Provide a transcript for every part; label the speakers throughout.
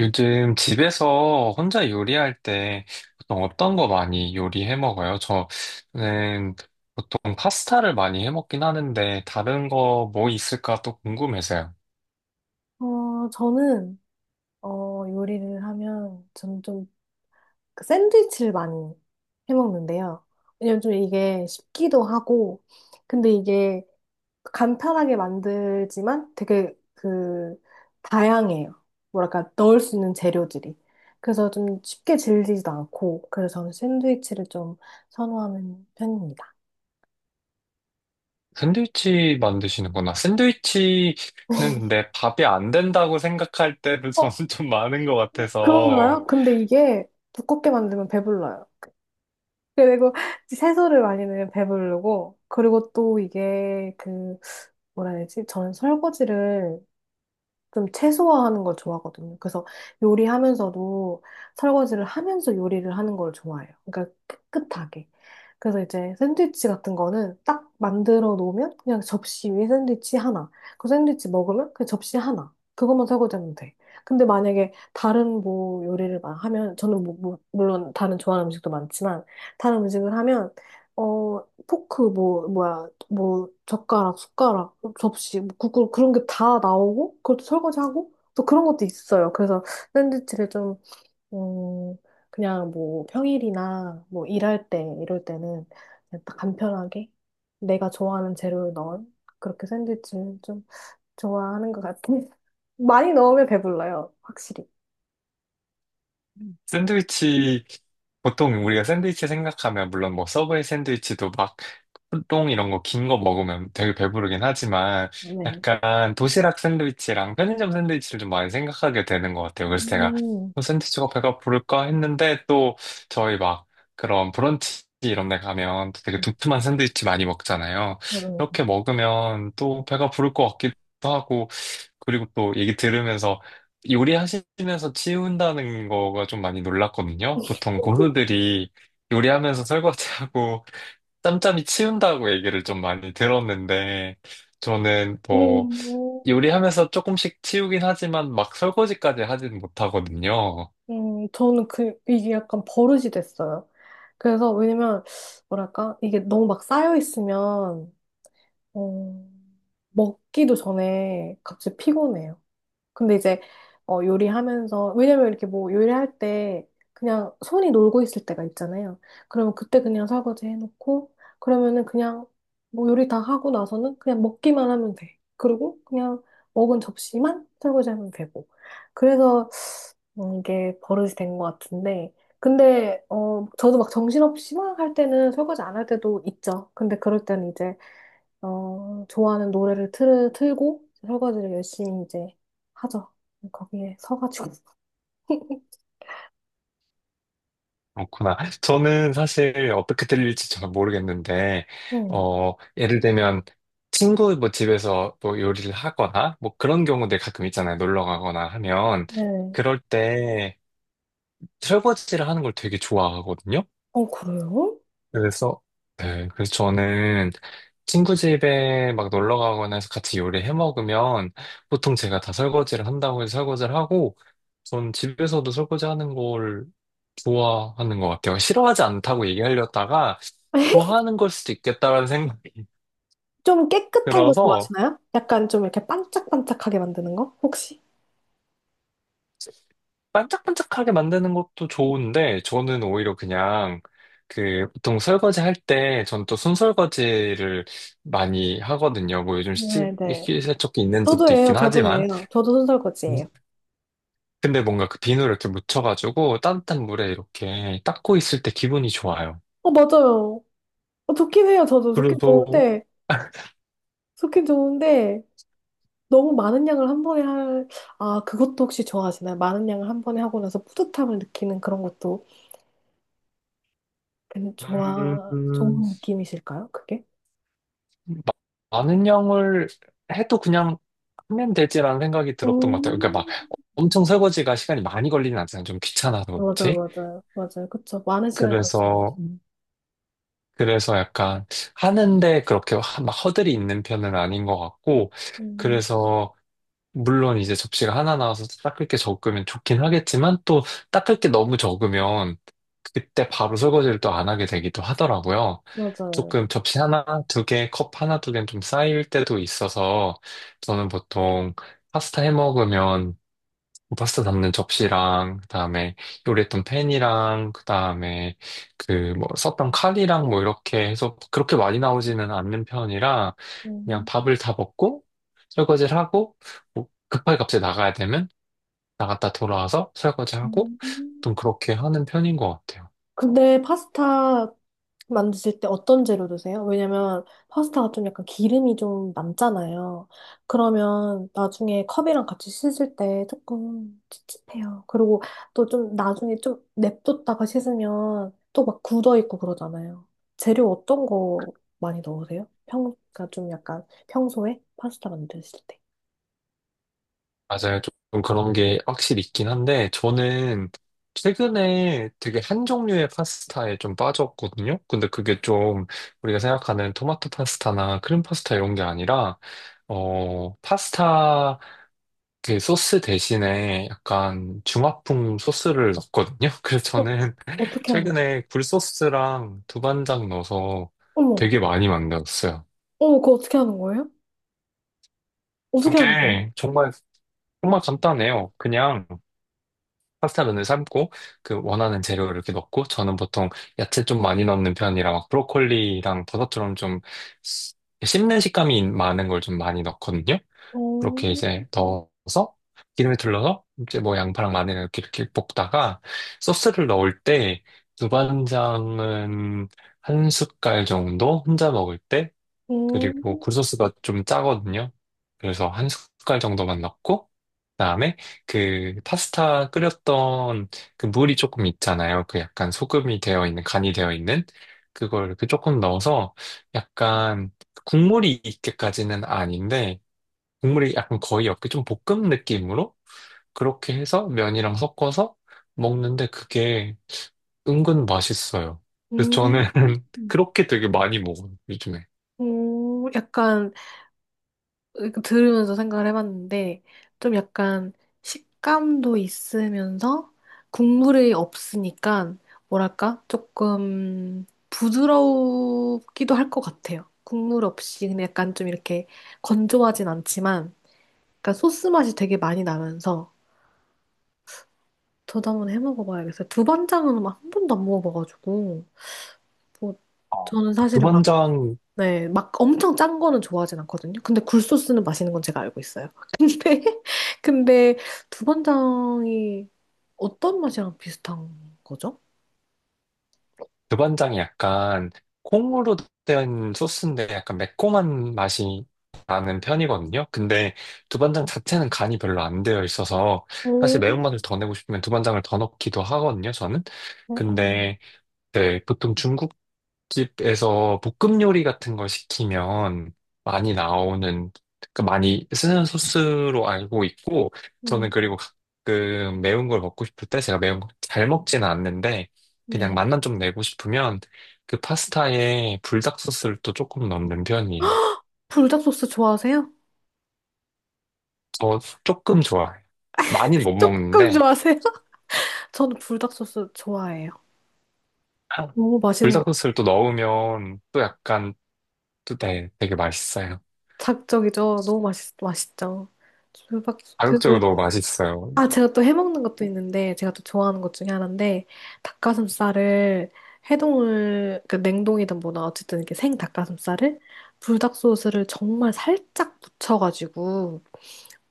Speaker 1: 요즘 집에서 혼자 요리할 때 보통 어떤 거 많이 요리해 먹어요? 저는 보통 파스타를 많이 해 먹긴 하는데 다른 거 뭐 있을까 또 궁금해서요.
Speaker 2: 저는, 요리를 하면, 저는 좀 샌드위치를 많이 해 먹는데요. 왜냐면 좀 이게 쉽기도 하고, 근데 이게 간편하게 만들지만 되게 다양해요. 뭐랄까, 넣을 수 있는 재료들이. 그래서 좀 쉽게 질리지도 않고, 그래서 저는 샌드위치를 좀 선호하는 편입니다.
Speaker 1: 샌드위치 만드시는구나. 샌드위치는 근데 밥이 안 된다고 생각할 때도
Speaker 2: 어,
Speaker 1: 저는 좀 많은 것 같아서
Speaker 2: 그런가요? 근데 이게 두껍게 만들면 배불러요. 그리고 채소를 많이 넣으면 배부르고, 그리고 또 이게 뭐라 해야 되지? 저는 설거지를 좀 최소화하는 걸 좋아하거든요. 그래서 요리하면서도 설거지를 하면서 요리를 하는 걸 좋아해요. 그러니까 깨끗하게. 그래서 이제 샌드위치 같은 거는 딱 만들어 놓으면 그냥 접시 위에 샌드위치 하나. 그 샌드위치 먹으면 그 접시 하나. 그것만 설거지하면 돼. 근데 만약에 다른 뭐 요리를 막 하면 저는 물론 다른 좋아하는 음식도 많지만 다른 음식을 하면 어, 포크 뭐 뭐야 뭐 젓가락 숟가락 접시 뭐 국물 그런 게 다 나오고 그것도 설거지하고 또 그런 것도 있어요. 그래서 샌드위치를 좀 음, 그냥 뭐 평일이나 뭐 일할 때 이럴 때는 그냥 딱 간편하게 내가 좋아하는 재료를 넣은 그렇게 샌드위치를 좀 좋아하는 것 같아요. 많이 넣으면 배불러요, 확실히.
Speaker 1: 샌드위치 보통 우리가 샌드위치 생각하면 물론 뭐 서브웨이 샌드위치도 막 호 이런 거 긴 거 먹으면 되게 배부르긴 하지만
Speaker 2: 네.
Speaker 1: 약간 도시락 샌드위치랑 편의점 샌드위치를 좀 많이 생각하게 되는 것 같아요. 그래서 제가
Speaker 2: 음.
Speaker 1: 샌드위치가 배가 부를까 했는데 또 저희 막 그런 브런치 이런 데 가면 또 되게 두툼한 샌드위치 많이 먹잖아요.
Speaker 2: 음.
Speaker 1: 이렇게 먹으면 또 배가 부를 것 같기도 하고 그리고 또 얘기 들으면서 요리하시면서 치운다는 거가 좀 많이 놀랐거든요. 보통 고수들이 요리하면서 설거지하고 짬짬이 치운다고 얘기를 좀 많이 들었는데, 저는 뭐,
Speaker 2: 음.
Speaker 1: 요리하면서 조금씩 치우긴 하지만 막 설거지까지 하진 못하거든요.
Speaker 2: 저는 이게 약간 버릇이 됐어요. 그래서, 왜냐면, 뭐랄까, 이게 너무 막 쌓여 있으면, 어, 먹기도 전에 갑자기 피곤해요. 근데 이제, 요리하면서, 왜냐면 이렇게 뭐 요리할 때 그냥 손이 놀고 있을 때가 있잖아요. 그러면 그때 그냥 설거지 해놓고, 그러면은 그냥 뭐 요리 다 하고 나서는 그냥 먹기만 하면 돼. 그리고 그냥 먹은 접시만 설거지하면 되고. 그래서 이게 버릇이 된 것 같은데. 근데, 저도 막 정신없이 막 할 때는 설거지 안 할 때도 있죠. 근데 그럴 때는 이제, 좋아하는 노래를 틀고 설거지를 열심히 이제 하죠. 거기에 서가지고.
Speaker 1: 그렇구나. 저는 사실 어떻게 들릴지 잘 모르겠는데,
Speaker 2: 네.
Speaker 1: 예를 들면, 친구 뭐 집에서 뭐 요리를 하거나, 뭐 그런 경우들 가끔 있잖아요. 놀러 가거나 하면,
Speaker 2: 네.
Speaker 1: 그럴 때 설거지를 하는 걸 되게 좋아하거든요.
Speaker 2: 그래요?
Speaker 1: 그래서, 네, 그래서 저는 친구 집에 막 놀러 가거나 해서 같이 요리해 먹으면 보통 제가 다 설거지를 한다고 해서 설거지를 하고 전 집에서도 설거지 하는 걸 좋아하는 것 같아요. 싫어하지 않다고 얘기하려다가 좋아하는 걸 수도 있겠다라는 생각이
Speaker 2: 좀 깨끗한 거
Speaker 1: 들어서
Speaker 2: 좋아하시나요? 약간 좀 이렇게 반짝반짝하게 만드는 거? 혹시?
Speaker 1: 반짝반짝하게 만드는 것도 좋은데, 저는 오히려 그냥, 그, 보통 설거지 할 때, 전 또 손설거지를 많이 하거든요. 뭐
Speaker 2: 네, 네.
Speaker 1: 식기세척기 있는
Speaker 2: 저도
Speaker 1: 집도
Speaker 2: 예요,
Speaker 1: 있긴
Speaker 2: 저도
Speaker 1: 하지만,
Speaker 2: 예요. 저도
Speaker 1: 음,
Speaker 2: 손설거지예요.
Speaker 1: 근데 뭔가 그 비누를 이렇게 묻혀가지고 따뜻한 물에 이렇게 닦고 있을 때 기분이 좋아요.
Speaker 2: 맞아요. 좋긴 해요, 저도. 좋긴
Speaker 1: 그래도,
Speaker 2: 좋은데, 좋긴 좋은데, 너무 많은 양을 한 번에 할, 아, 그것도 혹시 좋아하시나요? 많은 양을 한 번에 하고 나서 뿌듯함을 느끼는 그런 것도 괜- 좋아,
Speaker 1: 음,
Speaker 2: 좋은 느낌이실까요? 그게?
Speaker 1: 마- 많은 양을 해도 그냥 하면 되지라는 생각이 들었던 것 같아요. 그러니까 막
Speaker 2: 음,
Speaker 1: 엄청 설거지가 시간이 많이 걸리진 않잖아요. 좀 귀찮아서
Speaker 2: 맞아,
Speaker 1: 그렇지.
Speaker 2: 맞아요. 맞아요. 그쵸. 많은 시간을
Speaker 1: 그래서
Speaker 2: 걸치면 안 돼.
Speaker 1: 그래서 약간 하는데 막 허들이 있는 편은 아닌 것 같고,
Speaker 2: 음,
Speaker 1: 그래서 물론 이제 접시가 하나 나와서 닦을 게 적으면 좋긴 하겠지만 또 닦을 게 너무 적으면 그때 바로 설거지를 또 안 하게 되기도 하더라고요.
Speaker 2: 맞아요.
Speaker 1: 조금 접시 하나, 두 개, 컵 하나, 두 개는 좀 쌓일 때도 있어서 저는 보통 파스타 해 먹으면 파스타 담는 접시랑 그다음에 요리했던 팬이랑 그다음에 그 뭐 썼던 칼이랑 뭐 이렇게 해서 그렇게 많이 나오지는 않는 편이라 그냥
Speaker 2: 음,
Speaker 1: 밥을 다 먹고 설거지를 하고 뭐 급하게 갑자기 나가야 되면 나갔다 돌아와서 설거지하고
Speaker 2: 음.
Speaker 1: 좀 그렇게 하는 편인 것 같아요.
Speaker 2: 근데 파스타 만드실 때 어떤 재료 드세요? 왜냐면 파스타가 좀 약간 기름이 좀 남잖아요. 그러면 나중에 컵이랑 같이 씻을 때 조금 찝찝해요. 그리고 또 좀 나중에 좀 냅뒀다가 씻으면 또 막 굳어 있고 그러잖아요. 재료 어떤 거 많이 넣으세요? 그러니까 좀 약간 평소에 파스타 만드실 때.
Speaker 1: 맞아요. 조금 그런 게 확실히 있긴 한데, 저는 최근에 되게 한 종류의 파스타에 좀 빠졌거든요. 근데 그게 좀 우리가 생각하는 토마토 파스타나 크림 파스타 이런 게 아니라, 파스타 그 소스 대신에 약간 중화풍 소스를 넣었거든요. 그래서
Speaker 2: 어,
Speaker 1: 저는
Speaker 2: 어떻게 하는 거예요?
Speaker 1: 최근에 굴소스랑 두반장 넣어서
Speaker 2: 어머,
Speaker 1: 되게 많이 만들었어요.
Speaker 2: 어머, 그거 어떻게 하는 거예요? 어떻게 하는 거예요?
Speaker 1: 그게 정말, 정말 간단해요. 그냥 파스타 면을 삶고 그 원하는 재료를 이렇게 넣고 저는 보통 야채 좀 많이 넣는 편이라 막 브로콜리랑 버섯처럼 좀 씹- 씹는 식감이 많은 걸 좀 많이 넣거든요.
Speaker 2: 어,
Speaker 1: 그렇게 이제 넣어서 기름에 둘러서 이제 뭐 양파랑 마늘 이렇게 이렇게 볶다가 소스를 넣을 때 두반장은 한 숟갈 정도 혼자 먹을
Speaker 2: 음.
Speaker 1: 그리고 굴소스가 좀 짜거든요. 그래서 한 숟갈 정도만 넣고, 그다음에 그 파스타 끓였던 그 물이 조금 있잖아요. 그 약간 소금이 되어 있는, 간이 되어 있는 그걸 그 조금 넣어서 약간 국물이 있게까지는 아닌데, 국물이 약간 거의 없게 좀 볶음 느낌으로 그렇게 해서 면이랑 섞어서 먹는데 그게 은근 맛있어요. 그래서 저는
Speaker 2: 음,
Speaker 1: 그렇게 되게 많이 먹어요, 요즘에.
Speaker 2: 오, 약간 들으면서 생각을 해봤는데, 좀 약간 식감도 있으면서 국물이 없으니까, 뭐랄까, 조금 부드럽기도 할 것 같아요. 국물 없이, 근데 약간 좀 이렇게 건조하진 않지만, 약간 소스 맛이 되게 많이 나면서, 저도 한번 해 먹어봐야겠어요. 두반장은 막 한 번도 안 먹어봐가지고, 뭐,
Speaker 1: 어,
Speaker 2: 저는 사실 막
Speaker 1: 두반장
Speaker 2: 네, 막 엄청 짠 거는 좋아하진 않거든요. 근데 굴소스는 마시는 건 제가 알고 있어요. 근데, 근데 두반장이 어떤 맛이랑 비슷한 거죠?
Speaker 1: 두반장이 약간 콩으로 된 소스인데 약간 매콤한 맛이 나는 편이거든요. 근데 두반장 자체는 간이 별로 안 되어 있어서 사실
Speaker 2: 오,
Speaker 1: 매운맛을 더 내고 싶으면 두반장을 더 넣기도 하거든요, 저는.
Speaker 2: 어, 어.
Speaker 1: 근데 네, 보통 중국 집에서 볶음 요리 같은 걸 시키면 많이 나오는, 그러니까 많이 쓰는 소스로 알고 있고, 저는
Speaker 2: 음,
Speaker 1: 그리고 가끔 매운 걸 먹고 싶을 때 제가 매운 걸 잘 먹지는 않는데, 그냥
Speaker 2: 네.
Speaker 1: 맛만 좀 내고 싶으면 그 파스타에 불닭 소스를 또 조금 넣는 편이에요.
Speaker 2: 불닭 소스 좋아하세요?
Speaker 1: 저 조금 좋아해요. 많이는 못
Speaker 2: 조금
Speaker 1: 먹는데,
Speaker 2: 좋아하세요? 저는 불닭 소스 좋아해요. 너무 맛있는
Speaker 1: 불닭
Speaker 2: 거.
Speaker 1: 소스를 또 넣으면 또 약간 되게 맛있어요.
Speaker 2: 자극적이죠? 너무 맛있죠? 불닭, 그,
Speaker 1: 자극적으로 너무 맛있어요.
Speaker 2: 아, 제가 또 해먹는 것도 있는데, 제가 또 좋아하는 것 중에 하나인데, 닭가슴살을 해동을, 그 냉동이든 뭐든 어쨌든 이렇게 생 닭가슴살을 불닭 소스를 정말 살짝 묻혀가지고,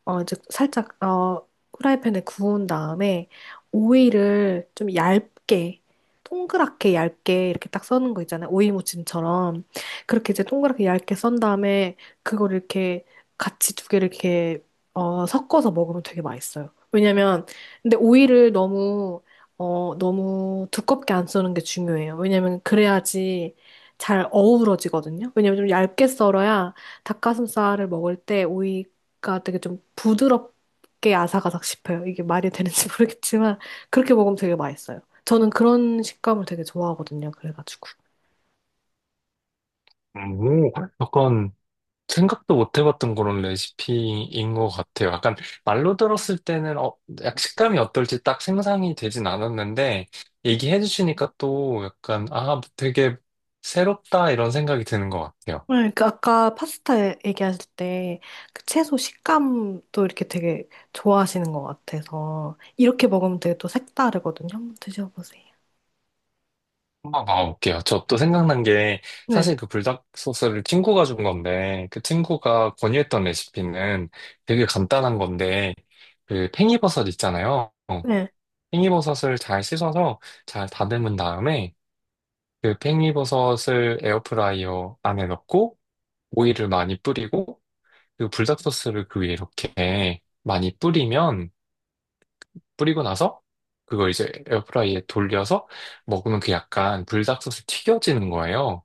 Speaker 2: 이제 살짝, 후라이팬에 구운 다음에 오이를 좀 얇게, 동그랗게 얇게 이렇게 딱 써는 거 있잖아요. 오이 무침처럼. 그렇게 이제 동그랗게 얇게 썬 다음에 그걸 이렇게 같이 두 개를 이렇게, 섞어서 먹으면 되게 맛있어요. 왜냐면, 근데 오이를 너무 두껍게 안 써는 게 중요해요. 왜냐면 그래야지 잘 어우러지거든요. 왜냐면 좀 얇게 썰어야 닭가슴살을 먹을 때 오이 가 되게 좀 부드럽게 아삭아삭 씹혀요. 이게 말이 되는지 모르겠지만 그렇게 먹으면 되게 맛있어요. 저는 그런 식감을 되게 좋아하거든요. 그래가지고.
Speaker 1: 오, 약간 생각도 못 해봤던 그런 레시피인 것 같아요. 약간 말로 들었을 때는 약 식감이 어떨지 딱 생각이 되진 않았는데 얘기해 주시니까 또 약간 아 되게 새롭다 이런 생각이 드는 것 같아요.
Speaker 2: 네, 그 아까 파스타 얘기하실 때 그 채소 식감도 이렇게 되게 좋아하시는 것 같아서 이렇게 먹으면 되게 또 색다르거든요. 한번 드셔보세요.
Speaker 1: 한번 봐볼게요. 저 또 생각난 게
Speaker 2: 네,
Speaker 1: 사실 그 불닭 소스를 친구가 준 건데 그 친구가 권유했던 레시피는 되게 간단한 건데 그 팽이버섯 있잖아요.
Speaker 2: 네.
Speaker 1: 팽이버섯을 잘 씻어서 잘 다듬은 다음에 그 팽이버섯을 에어프라이어 안에 넣고 오일을 많이 뿌리고 그 불닭소스를 그 위에 이렇게 많이 뿌리면 뿌리고 나서 그걸 이제 에어프라이어에 돌려서 먹으면 그 약간 불닭소스 튀겨지는 거예요.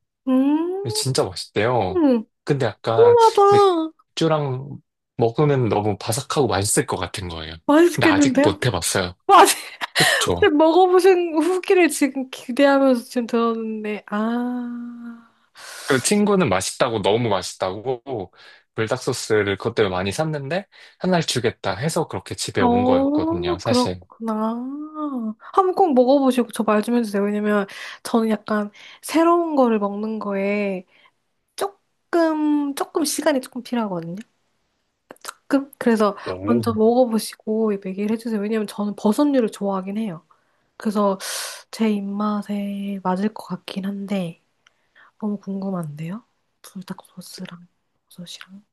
Speaker 1: 근데
Speaker 2: 음,
Speaker 1: 진짜 맛있대요. 근데 약간
Speaker 2: 궁금하다.
Speaker 1: 맥주랑 먹으면 너무 바삭하고 맛있을 것 같은 거예요. 근데 아직 못
Speaker 2: 맛있겠는데요?
Speaker 1: 해봤어요.
Speaker 2: 맞아요.
Speaker 1: 그쵸?
Speaker 2: 지금 먹어보신 후기를 지금 기대하면서 지금 들었는데, 아,
Speaker 1: 그 친구는 맛있다고 너무 맛있다고 불닭소스를 그것 때문에 많이 샀는데 한 날 주겠다 해서 그렇게 집에 온
Speaker 2: 오, 어,
Speaker 1: 거였거든요,
Speaker 2: 네.
Speaker 1: 사실.
Speaker 2: 그렇구나. 한번 꼭 먹어보시고 저 말 좀 해주세요. 왜냐면 저는 약간 새로운 거를 먹는 거에 조금 시간이 조금 필요하거든요. 조금? 그래서
Speaker 1: 오.
Speaker 2: 먼저 먹어보시고 얘기를 해주세요. 왜냐면 저는 버섯류를 좋아하긴 해요. 그래서 제 입맛에 맞을 것 같긴 한데, 너무 궁금한데요? 불닭 소스랑 버섯이랑.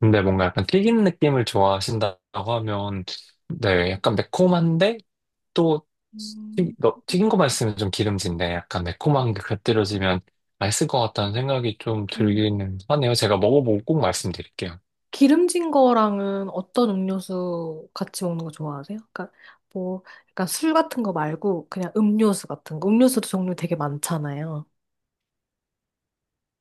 Speaker 1: 근데 뭔가 약간 튀긴 느낌을 좋아하신다고 하면 네, 약간 매콤한데 또
Speaker 2: 음.
Speaker 1: 튀긴 거만 있으면 좀 기름진데 약간 매콤한 게 곁들여지면 맛있을 것 같다는 생각이 좀
Speaker 2: 네.
Speaker 1: 들기는 하네요. 제가 먹어보고 꼭 말씀드릴게요.
Speaker 2: 기름진 거랑은 어떤 음료수 같이 먹는 거 좋아하세요? 그러니까 뭐 약간 술 같은 거 말고 그냥 음료수 같은 거. 음료수도 종류 되게 많잖아요.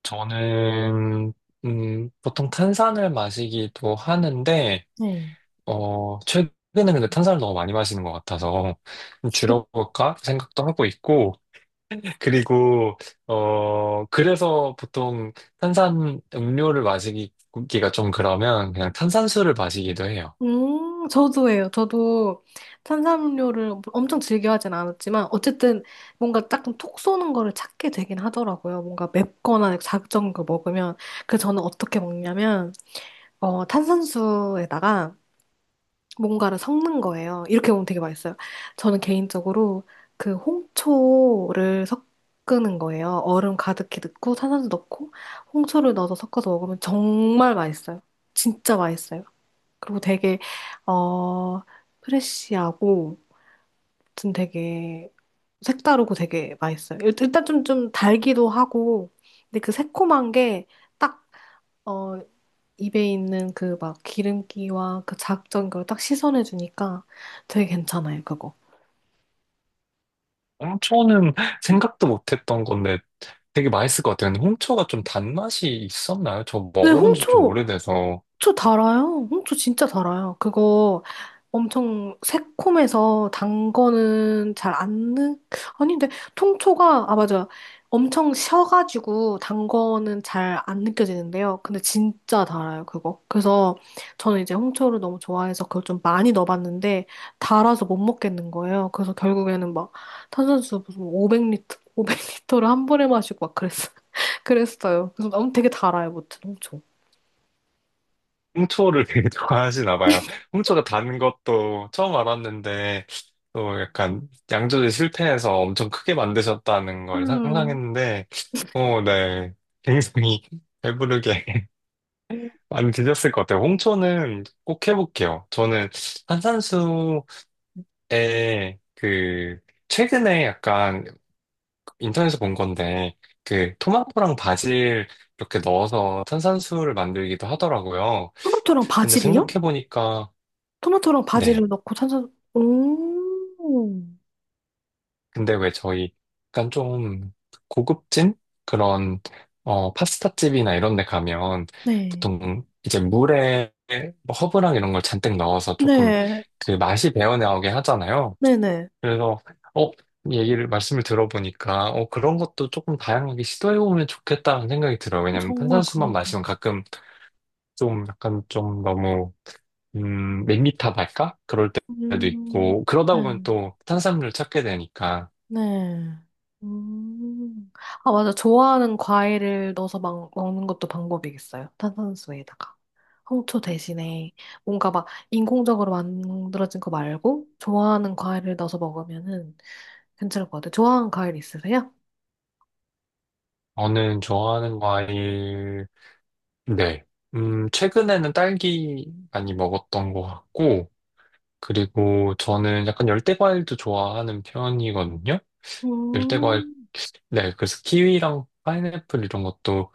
Speaker 1: 저는 보통 탄산을 마시기도 하는데
Speaker 2: 네.
Speaker 1: 최근에 근데 탄산을 너무 많이 마시는 것 같아서 좀 줄여볼까 생각도 하고 있고, 그리고, 그래서 보통 탄산 음료를 마시기가 좀 그러면 그냥 탄산수를 마시기도 해요.
Speaker 2: 저도예요. 저도 탄산음료를 엄청 즐겨 하진 않았지만 어쨌든 뭔가 조금 톡 쏘는 거를 찾게 되긴 하더라고요. 뭔가 맵거나 자극적인 걸 먹으면 저는 어떻게 먹냐면 탄산수에다가 뭔가를 섞는 거예요. 이렇게 보면 되게 맛있어요. 저는 개인적으로 그 홍초를 섞는 거예요. 얼음 가득히 넣고 탄산수 넣고 홍초를 넣어서 섞어서 먹으면 정말 맛있어요. 진짜 맛있어요. 그리고 되게 어 프레쉬하고 좀 되게 색다르고 되게 맛있어요. 일단 좀 달기도 하고 근데 그 새콤한 게딱어 입에 있는 그 막 기름기와 그 자극적인 걸 딱 씻어내 주니까 되게 괜찮아요, 그거.
Speaker 1: 홍초는 생각도 못했던 건데 되게 맛있을 것 같아요. 근데 홍초가 좀 단맛이 있었나요? 저
Speaker 2: 근데
Speaker 1: 먹어본 지 좀
Speaker 2: 홍초,
Speaker 1: 오래돼서.
Speaker 2: 저 달아요. 저 진짜 달아요. 그거 엄청 새콤해서 단 거는 잘 안 느, 아닌데, 통초가, 아, 맞아. 엄청 셔가지고 단 거는 잘 안 느껴지는데요. 근데 진짜 달아요, 그거. 그래서 저는 이제 홍초를 너무 좋아해서 그걸 좀 많이 넣어봤는데, 달아서 못 먹겠는 거예요. 그래서 결국에는 막 탄산수 무슨 500리터, 500리터를 한 번에 마시고 막 그랬어, 그랬어요. 그래서 너무 되게 달아요, 무튼 홍초.
Speaker 1: 홍초를 되게 좋아하시나 봐요. 홍초가 단 것도 처음 알았는데, 또 약간 양조제 실패해서 엄청 크게 만드셨다는 걸
Speaker 2: 음.
Speaker 1: 상상했는데, 어, 네. 굉장히 배부르게 많이 드셨을 것 같아요. 홍초는 꼭 해볼게요. 저는 탄산수에 그, 최근에 약간 인터넷에서 본 건데, 그 토마토랑 바질 이렇게 넣어서 탄산수를 만들기도 하더라고요.
Speaker 2: 토마토랑
Speaker 1: 근데
Speaker 2: 바질이요?
Speaker 1: 생각해보니까,
Speaker 2: 토마토랑 바질을
Speaker 1: 네.
Speaker 2: 넣고 탄산, 오,
Speaker 1: 근데 왜 저희 약간 좀 고급진 그런 어 파스타집이나 이런 데 가면
Speaker 2: 네.
Speaker 1: 보통 이제 물에 뭐 허브랑 이런 걸 잔뜩 넣어서 조금
Speaker 2: 네,
Speaker 1: 그 맛이 배어나오게 하잖아요.
Speaker 2: 네네.
Speaker 1: 그래서 어 얘기를 말씀을 들어보니까 어 그런 것도 조금 다양하게 시도해 보면 좋겠다는 생각이 들어요. 왜냐면
Speaker 2: 정말
Speaker 1: 탄산수만
Speaker 2: 그러네.
Speaker 1: 마시면 가끔 좀 약간 좀 너무 밋밋하달까? 그럴 때도
Speaker 2: 음,
Speaker 1: 있고 그러다
Speaker 2: 네,
Speaker 1: 보면 또 탄산물을 찾게 되니까
Speaker 2: 네. 음. 아, 맞아. 좋아하는 과일을 넣어서 막 먹는 것도 방법이겠어요. 탄산수에다가. 홍초 대신에 뭔가 막 인공적으로 만들어진 거 말고 좋아하는 과일을 넣어서 먹으면은 괜찮을 것 같아요. 좋아하는 과일 있으세요?
Speaker 1: 저는 좋아하는 과일, 네. 최근에는 딸기 많이 먹었던 것 같고, 그리고 저는 약간 열대 과일도 좋아하는 편이거든요. 열대 과일,
Speaker 2: 음,
Speaker 1: 네. 그래서 키위랑 파인애플 이런 것도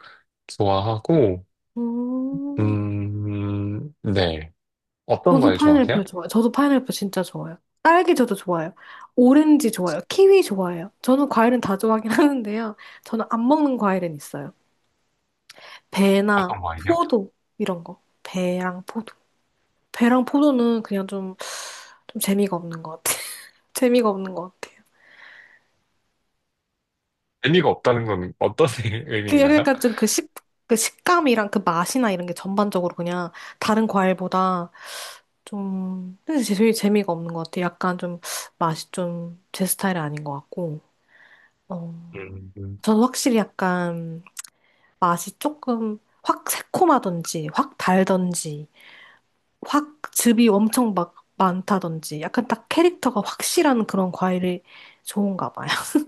Speaker 1: 좋아하고,
Speaker 2: 음.
Speaker 1: 네. 어떤
Speaker 2: 저도
Speaker 1: 과일 좋아하세요?
Speaker 2: 파인애플 좋아요. 저도 파인애플 진짜 좋아요. 딸기 저도 좋아요. 오렌지 좋아요. 키위 좋아해요. 저는 과일은 다 좋아하긴 하는데요. 저는 안 먹는 과일은 있어요. 배나
Speaker 1: 어떤 과일이요?
Speaker 2: 포도 이런 거. 배랑 포도. 배랑 포도는 그냥 좀, 재미가 없는 것 같아요. 재미가 없는 것 같아요.
Speaker 1: 의미가 없다는 건 어떤 의미인가요?
Speaker 2: 약간 좀 그 식감이랑 그 맛이나 이런 게 전반적으로 그냥 다른 과일보다 좀 근데 제일 재미가 없는 것 같아요. 약간 좀 맛이 좀 제 스타일이 아닌 것 같고. 어.
Speaker 1: 음,
Speaker 2: 저는 확실히 약간 맛이 조금 확 새콤하던지, 확 달던지, 확 즙이 엄청 막 많다던지, 약간 딱 캐릭터가 확실한 그런 과일이 좋은가 봐요.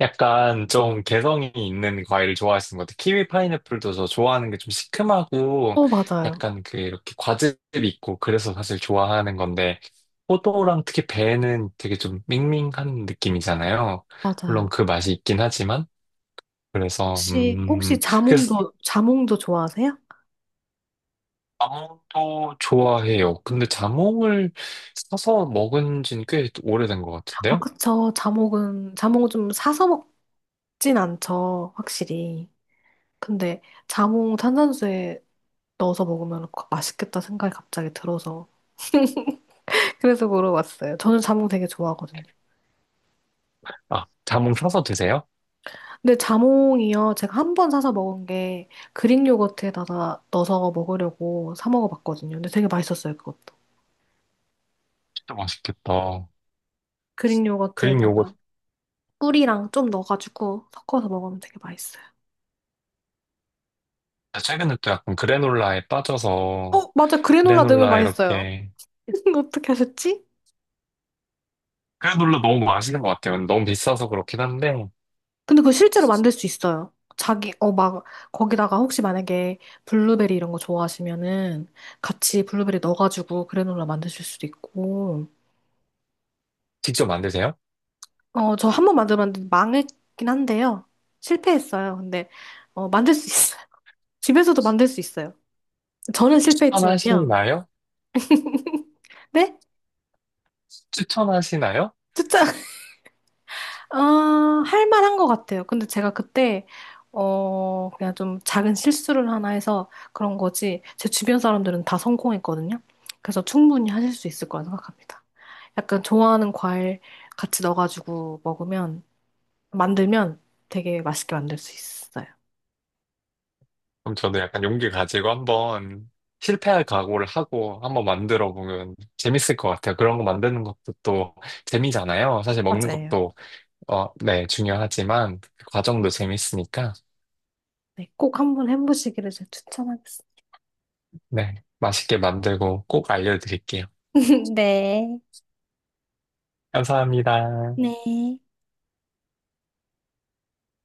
Speaker 1: 약간 좀 개성이 있는 과일을 좋아하시는 것 같아요. 키위 파인애플도 저 좋아하는 게 좀 시큼하고
Speaker 2: 맞아요.
Speaker 1: 약간 그 이렇게 과즙 있고 그래서 사실 좋아하는 건데 포도랑 특히 배는 되게 좀 밍밍한 느낌이잖아요. 물론
Speaker 2: 맞아요.
Speaker 1: 그 맛이 있긴 하지만 그래서
Speaker 2: 혹시
Speaker 1: 그래서
Speaker 2: 자몽도 좋아하세요?
Speaker 1: 자몽도 좋아해요. 근데 자몽을 사서 먹은 지는 꽤 오래된 것
Speaker 2: 아,
Speaker 1: 같은데요.
Speaker 2: 그쵸. 자몽은 좀 사서 먹진 않죠. 확실히. 근데 자몽 탄산수에 넣어서 먹으면 맛있겠다 생각이 갑자기 들어서. 그래서 물어봤어요. 저는 자몽 되게 좋아하거든요.
Speaker 1: 아 자몽 사서 드세요?
Speaker 2: 근데 자몽이요. 제가 한 번 사서 먹은 게 그릭 요거트에다가 넣어서 먹으려고 사 먹어봤거든요. 근데 되게 맛있었어요, 그것도.
Speaker 1: 진짜 맛있겠다.
Speaker 2: 그릭
Speaker 1: 그린 요거
Speaker 2: 요거트에다가 꿀이랑 좀 넣어가지고 섞어서 먹으면 되게 맛있어요.
Speaker 1: 아, 최근에 또 약간 그래놀라에 빠져서
Speaker 2: 맞아. 그래놀라 넣으면
Speaker 1: 그래놀라
Speaker 2: 맛있어요.
Speaker 1: 이렇게
Speaker 2: 어떻게 하셨지?
Speaker 1: 그래놀라 너무 맛있는 것 같아요. 너무 비싸서 그렇긴 한데
Speaker 2: 근데 그거 실제로 만들 수 있어요. 자기, 막, 거기다가 혹시 만약에 블루베리 이런 거 좋아하시면은 같이 블루베리 넣어가지고 그래놀라 만드실 수도 있고.
Speaker 1: 직접 만드세요?
Speaker 2: 저 한 번 만들었는데 망했긴 한데요. 실패했어요. 근데, 만들 수 있어요. 집에서도 만들 수 있어요. 저는 실패했지만요.
Speaker 1: 추천하시나요?
Speaker 2: 네?
Speaker 1: 추천하시나요?
Speaker 2: 진짜, 할 만한 것 같아요. 근데 제가 그때, 그냥 좀 작은 실수를 하나 해서 그런 거지, 제 주변 사람들은 다 성공했거든요. 그래서 충분히 하실 수 있을 거라 생각합니다. 약간 좋아하는 과일 같이 넣어가지고 먹으면, 만들면 되게 맛있게 만들 수 있어요.
Speaker 1: 그럼 저도 약간 용기 가지고 한번 실패할 각오를 하고 한번 만들어 보면 재밌을 것 같아요. 그런 거 만드는 것도 또 재미잖아요. 사실 먹는
Speaker 2: 맞아요.
Speaker 1: 것도 어, 네, 중요하지만 그 과정도 재밌으니까
Speaker 2: 네, 꼭 한번 해보시기를 제가 추천하겠습니다.
Speaker 1: 네, 맛있게 만들고 꼭 알려드릴게요.
Speaker 2: 네.
Speaker 1: 감사합니다.
Speaker 2: 네. 네.